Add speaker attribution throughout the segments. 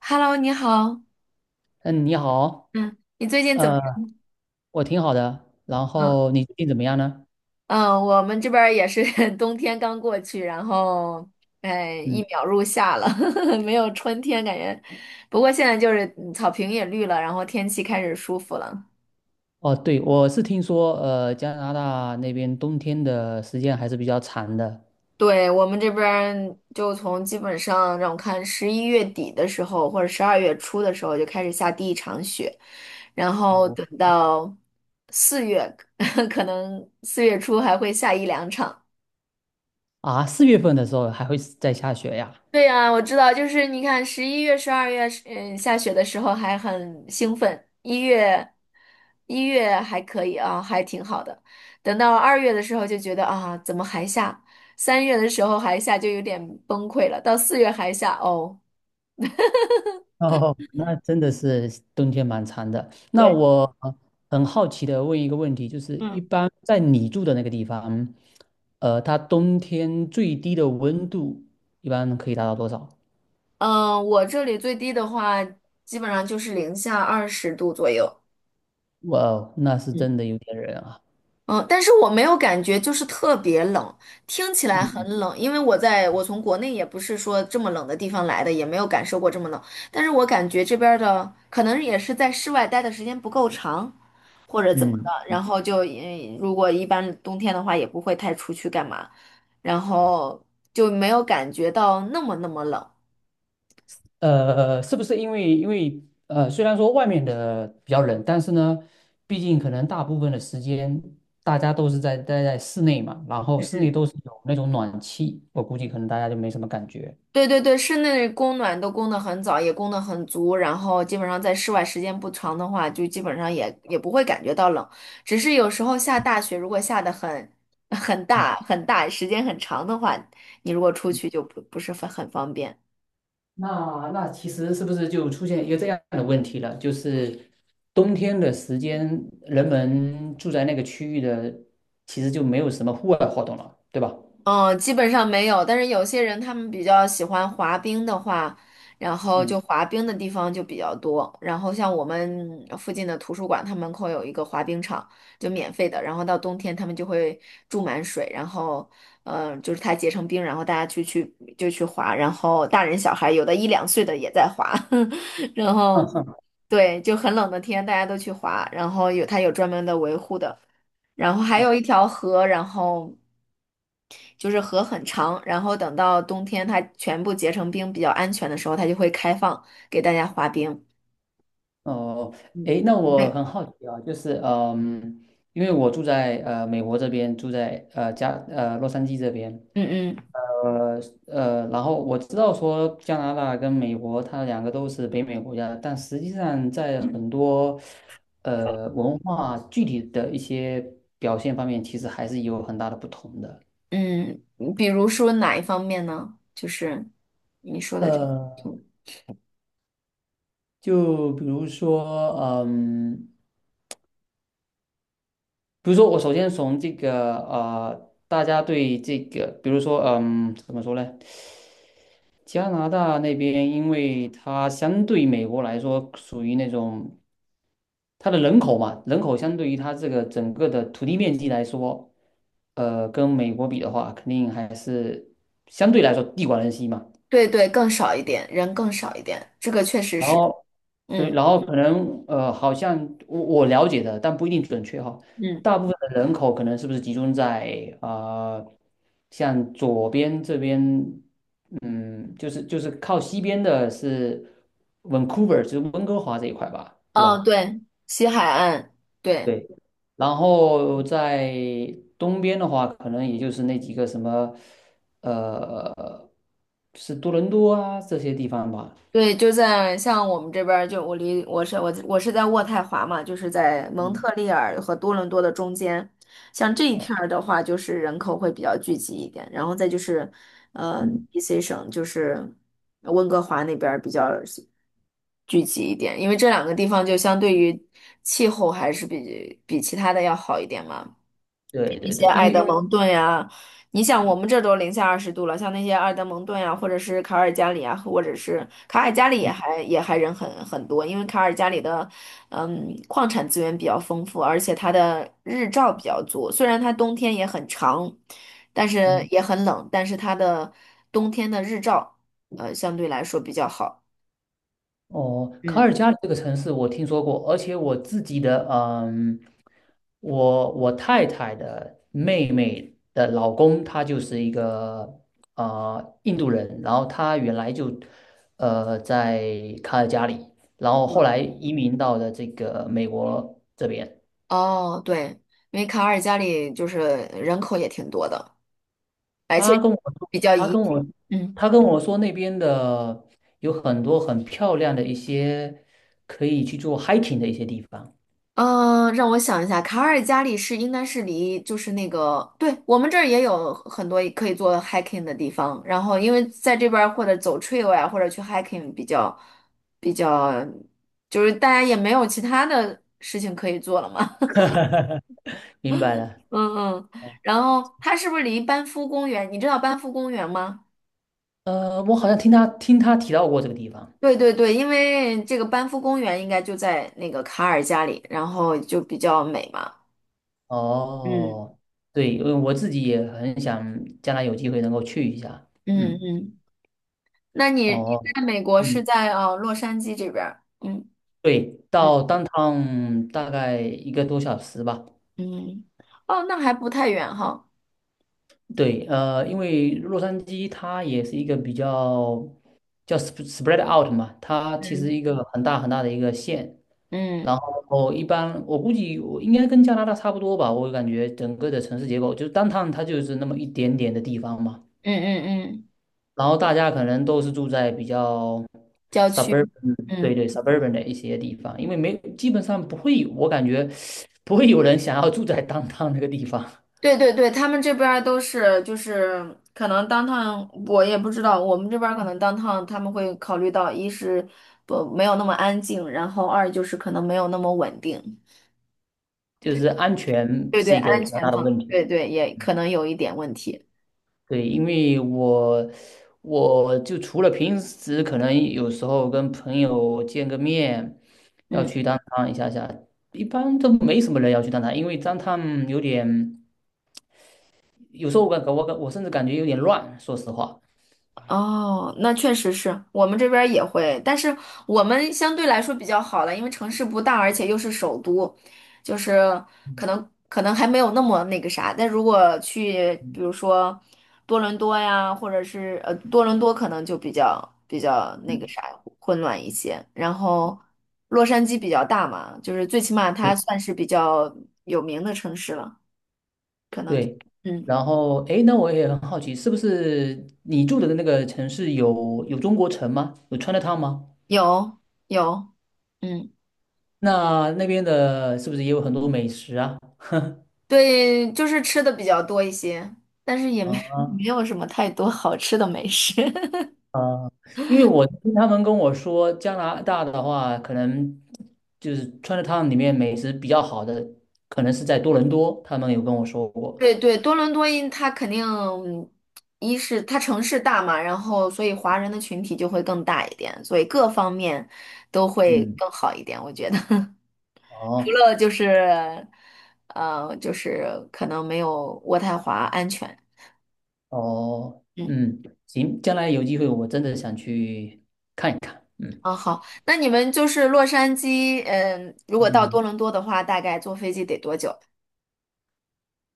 Speaker 1: Hello，你好。
Speaker 2: 嗯，你好，
Speaker 1: 嗯你最近怎么
Speaker 2: 呃，
Speaker 1: 样？
Speaker 2: 我挺好的。然
Speaker 1: 嗯，
Speaker 2: 后你最近怎么样呢？
Speaker 1: 嗯我们这边儿也是 冬天刚过去，然后，哎，一
Speaker 2: 嗯，
Speaker 1: 秒入夏了，没有春天感觉。不过现在就是草坪也绿了，然后天气开始舒服了。
Speaker 2: 哦，对，我是听说，加拿大那边冬天的时间还是比较长的。
Speaker 1: 对，我们这边儿就从基本上让我看十一月底的时候，或者十二月初的时候就开始下第一场雪，然后
Speaker 2: 哦，
Speaker 1: 等到四月，可能四月初还会下一两场。
Speaker 2: 啊，四月份的时候还会在下雪呀？
Speaker 1: 对呀，我知道，就是你看十一月、十二月，嗯，下雪的时候还很兴奋，一月还可以啊，还挺好的。等到二月的时候就觉得啊，怎么还下？三月的时候还下就有点崩溃了，到四月还下哦。
Speaker 2: 哦，那真的是冬天蛮长的。那
Speaker 1: 对。
Speaker 2: 我很好奇的问一个问题，就是一
Speaker 1: 嗯，
Speaker 2: 般在你住的那个地方，它冬天最低的温度一般可以达到多少？
Speaker 1: 嗯，我这里最低的话，基本上就是零下二十度左右。
Speaker 2: 哇哦，那是真
Speaker 1: 嗯。
Speaker 2: 的有点冷啊。
Speaker 1: 嗯，但是我没有感觉就是特别冷，听起来很
Speaker 2: 嗯
Speaker 1: 冷，因为我从国内也不是说这么冷的地方来的，也没有感受过这么冷。但是我感觉这边儿的可能也是在室外待的时间不够长，或者怎么
Speaker 2: 嗯。
Speaker 1: 的，然后就如果一般冬天的话也不会太出去干嘛，然后就没有感觉到那么冷。
Speaker 2: 是不是因为虽然说外面的比较冷，但是呢，毕竟可能大部分的时间大家都是在待在室内嘛，然后室内
Speaker 1: 嗯，
Speaker 2: 都是有那种暖气，我估计可能大家就没什么感觉。
Speaker 1: 对对对，室内供暖都供得很早，也供得很足，然后基本上在室外时间不长的话，就基本上也不会感觉到冷。只是有时候下大雪，如果下的很很
Speaker 2: 嗯，
Speaker 1: 大很大，时间很长的话，你如果出去就不是很方便。
Speaker 2: 那其实是不是就出现一个这样的问题了？就是冬天的时间，人们住在那个区域的，其实就没有什么户外活动了，对吧？
Speaker 1: 嗯，基本上没有，但是有些人他们比较喜欢滑冰的话，然后
Speaker 2: 嗯，
Speaker 1: 就滑冰的地方就比较多。然后像我们附近的图书馆，它门口有一个滑冰场，就免费的。然后到冬天他们就会注满水，然后就是它结成冰，然后大家去就去滑。然后大人小孩有的一两岁的也在滑，然
Speaker 2: 嗯
Speaker 1: 后
Speaker 2: 嗯。
Speaker 1: 对，就很冷的天大家都去滑，然后有它有专门的维护的。然后还有一条河，然后就是河很长，然后等到冬天它全部结成冰比较安全的时候，它就会开放给大家滑冰。
Speaker 2: 哦，
Speaker 1: 嗯，
Speaker 2: 诶，那我
Speaker 1: 哎
Speaker 2: 很好奇啊，就是嗯，因为我住在美国这边，住在呃加呃洛杉矶这边，
Speaker 1: 嗯嗯
Speaker 2: 呃然后我知道说加拿大跟美国它两个都是北美国家，但实际上在很多文化具体的一些表现方面，其实还是有很大的不同的。
Speaker 1: 嗯比如说哪一方面呢？就是
Speaker 2: 呃，就比如说，嗯。比如说，我首先从这个大家对这个，比如说，怎么说呢？加拿大那边，因为它相对美国来说，属于那种它的人口嘛，人口相对于它这个整个的土地面积来说，跟美国比的话，肯定还是相对来说地广人稀嘛。
Speaker 1: 对对，更少一点，人更少一点，这个确实
Speaker 2: 然
Speaker 1: 是，
Speaker 2: 后对，
Speaker 1: 嗯
Speaker 2: 然后可能好像我了解的，但不一定准确哈。
Speaker 1: 嗯，
Speaker 2: 大部分的人口可能是不是集中在像左边这边，嗯，就是靠西边的是 Vancouver，就是温哥华这一块吧，对
Speaker 1: 哦
Speaker 2: 吧？
Speaker 1: 对，西海岸，对。
Speaker 2: 对。然后在东边的话，可能也就是那几个什么，呃，是多伦多啊这些地方吧。
Speaker 1: 对，就在像我们这边儿，就我离我是我我是在渥太华嘛，就是在蒙
Speaker 2: 嗯。
Speaker 1: 特利尔和多伦多的中间。像这一
Speaker 2: 哦
Speaker 1: 片儿的话，就是人口会比较聚集一点，然后再就是，呃
Speaker 2: 嗯
Speaker 1: ，BC 省就是温哥华那边儿比较聚集一点，因为这两个地方就相对于气候还是比其他的要好一点嘛。
Speaker 2: 对
Speaker 1: 一
Speaker 2: 对
Speaker 1: 些
Speaker 2: 对，因
Speaker 1: 埃
Speaker 2: 为因
Speaker 1: 德
Speaker 2: 为
Speaker 1: 蒙顿呀、你想我们这儿都零下二十度了，像那些埃德蒙顿呀、或者是卡尔加里啊，或者是卡尔加里也还人很多，因为卡尔加里的矿产资源比较丰富，而且它的日照比较足，虽然它冬天也很长，但是
Speaker 2: 嗯，
Speaker 1: 也很冷，但是它的冬天的日照相对来说比较好，
Speaker 2: 哦，卡
Speaker 1: 嗯，
Speaker 2: 尔加里这个城市我听说过，而且我自己的，我太太的妹妹的老公，他就是一个印度人，然后他原来就在卡尔加里，然后后来移民到了这个美国这边。
Speaker 1: 哦对，因为卡尔加里就是人口也挺多的，而且
Speaker 2: 他跟我说，
Speaker 1: 比较
Speaker 2: 他
Speaker 1: 宜
Speaker 2: 跟我
Speaker 1: 居，嗯。
Speaker 2: 他跟我说那边的有很多很漂亮的一些可以去做 hiking 的一些地方，
Speaker 1: 嗯，让我想一下，卡尔加里是应该是离就是那个，对，我们这儿也有很多可以做 hiking 的地方，然后因为在这边儿或者走 trail 呀，或者去 hiking 比较比较，就是大家也没有其他的事情可以做了嘛，
Speaker 2: 明白 了。
Speaker 1: 嗯嗯，然后它是不是离班夫公园？你知道班夫公园吗？
Speaker 2: 我好像听他提到过这个地方。
Speaker 1: 对对对，因为这个班夫公园应该就在那个卡尔加里，然后就比较美嘛，嗯，
Speaker 2: 哦，对，因为我自己也很想将来有机会能够去一下。
Speaker 1: 嗯
Speaker 2: 嗯，
Speaker 1: 嗯。那你
Speaker 2: 哦，
Speaker 1: 在美国是
Speaker 2: 嗯，
Speaker 1: 在洛杉矶这边儿？嗯
Speaker 2: 对，
Speaker 1: 嗯
Speaker 2: 到当趟大概一个多小时吧。
Speaker 1: 嗯，哦，那还不太远哈。
Speaker 2: 对，因为洛杉矶它也是一个比较叫 spread out 嘛，它其实
Speaker 1: 嗯
Speaker 2: 一个很大很大的一个县。
Speaker 1: 嗯
Speaker 2: 然后一般我估计我应该跟加拿大差不多吧，我感觉整个的城市结构就是当趟它就是那么一点点的地方嘛。
Speaker 1: 嗯嗯嗯，
Speaker 2: 然后大家可能都是住在比较
Speaker 1: 郊
Speaker 2: suburban，
Speaker 1: 区。
Speaker 2: 对
Speaker 1: 嗯，
Speaker 2: 对 suburban 的一些地方，因为没基本上不会有，我感觉不会有人想要住在 downtown 那个地方，
Speaker 1: 对对对，他们这边儿都是就是可能当趟我也不知道，我们这边儿可能当趟他们会考虑到一是不没有那么安静，然后二就是可能没有那么稳定。
Speaker 2: 就是安全
Speaker 1: 对对，
Speaker 2: 是一个
Speaker 1: 安
Speaker 2: 比较
Speaker 1: 全
Speaker 2: 大的
Speaker 1: 方，
Speaker 2: 问题。
Speaker 1: 对对，也可能有一点问题。
Speaker 2: 对，因为我就除了平时可能有时候跟朋友见个面，要
Speaker 1: 嗯。
Speaker 2: 去当趟一下下，一般都没什么人要去当趟因为当趟有点有时候我甚至感觉有点乱，说实话。
Speaker 1: 哦，那确实是我们这边儿也会，但是我们相对来说比较好了，因为城市不大，而且又是首都，就是可能还没有那么那个啥。但如果去，比如说多伦多呀，或者是呃多伦多，可能就比较那个啥混乱一些。然后洛杉矶比较大嘛，就是最起码它算是比较有名的城市了。
Speaker 2: 对，
Speaker 1: 嗯，
Speaker 2: 然后哎，诶那我也很好奇，是不是你住的那个城市有中国城吗？有 Chinatown 吗？
Speaker 1: 有有，嗯。
Speaker 2: 那那边的是不是也有很多美食啊？
Speaker 1: 对，就是吃的比较多一些，但是也没
Speaker 2: 啊
Speaker 1: 没有什么太多好吃的美食。
Speaker 2: 啊，因为我听他们跟我说，加拿大的话，可能就是 Chinatown 里面美食比较好的，可能是在多伦多，他们有跟我说过。
Speaker 1: 对对，多伦多因它肯定，一是它城市大嘛，然后所以华人的群体就会更大一点，所以各方面都会
Speaker 2: 嗯，
Speaker 1: 更好一点，我觉得。除
Speaker 2: 哦
Speaker 1: 了就是，就是可能没有渥太华安全。
Speaker 2: 哦，
Speaker 1: 嗯，
Speaker 2: 嗯，行，将来有机会我真的想去看一看。嗯。
Speaker 1: 啊好，那你们就是洛杉矶，嗯，如果到
Speaker 2: 嗯。
Speaker 1: 多伦多的话，大概坐飞机得多久？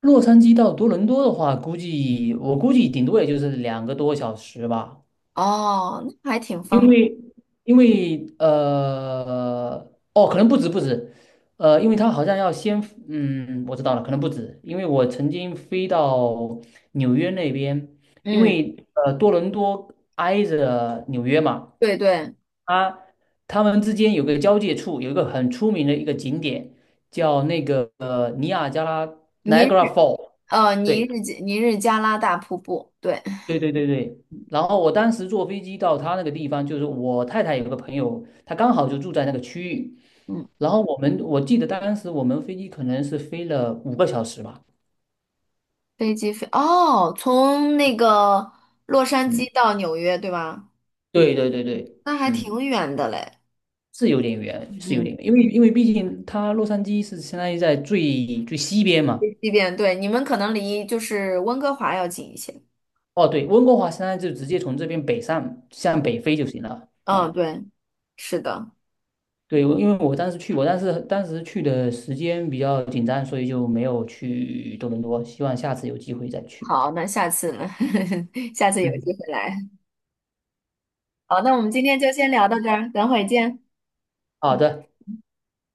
Speaker 2: 洛杉矶到多伦多的话，估计我估计顶多也就是2个多小时吧，
Speaker 1: 哦，那还挺方
Speaker 2: 因
Speaker 1: 便。
Speaker 2: 为因为哦，可能不止不止，因为它好像要先嗯，我知道了，可能不止，因为我曾经飞到纽约那边，因
Speaker 1: 嗯，
Speaker 2: 为多伦多挨着纽约嘛，
Speaker 1: 对对，
Speaker 2: 它他们之间有个交界处，有一个很出名的一个景点叫那个尼亚加拉
Speaker 1: 尼
Speaker 2: Niagara
Speaker 1: 日
Speaker 2: Fall。对，
Speaker 1: 尼日加拉大瀑布，对，
Speaker 2: 对对对对，然后我当时坐飞机到他那个地方，就是我太太有个朋友，他刚好就住在那个区域，
Speaker 1: 嗯，
Speaker 2: 然后我记得当时我们飞机可能是飞了5个小时吧，
Speaker 1: 飞机飞哦，从那个洛杉
Speaker 2: 嗯，
Speaker 1: 矶到纽约，对吧？
Speaker 2: 对对对对，
Speaker 1: 那还
Speaker 2: 嗯，
Speaker 1: 挺远的嘞。
Speaker 2: 是有点远，是有
Speaker 1: 嗯，
Speaker 2: 点远，因为毕竟它洛杉矶是相当于在最最西边嘛，
Speaker 1: 飞机边对，你们可能离就是温哥华要近一些。
Speaker 2: 哦对，温哥华相当于就直接从这边北上向北飞就行了，
Speaker 1: 嗯，
Speaker 2: 啊、
Speaker 1: 对，是的。
Speaker 2: 对，因为我当时去，过，但是当时去的时间比较紧张，所以就没有去多伦多。希望下次有机会再去吧。
Speaker 1: 好，那下次呢？下次有
Speaker 2: 嗯，
Speaker 1: 机会来。好，那我们今天就先聊到这儿，等会儿见。
Speaker 2: 好的。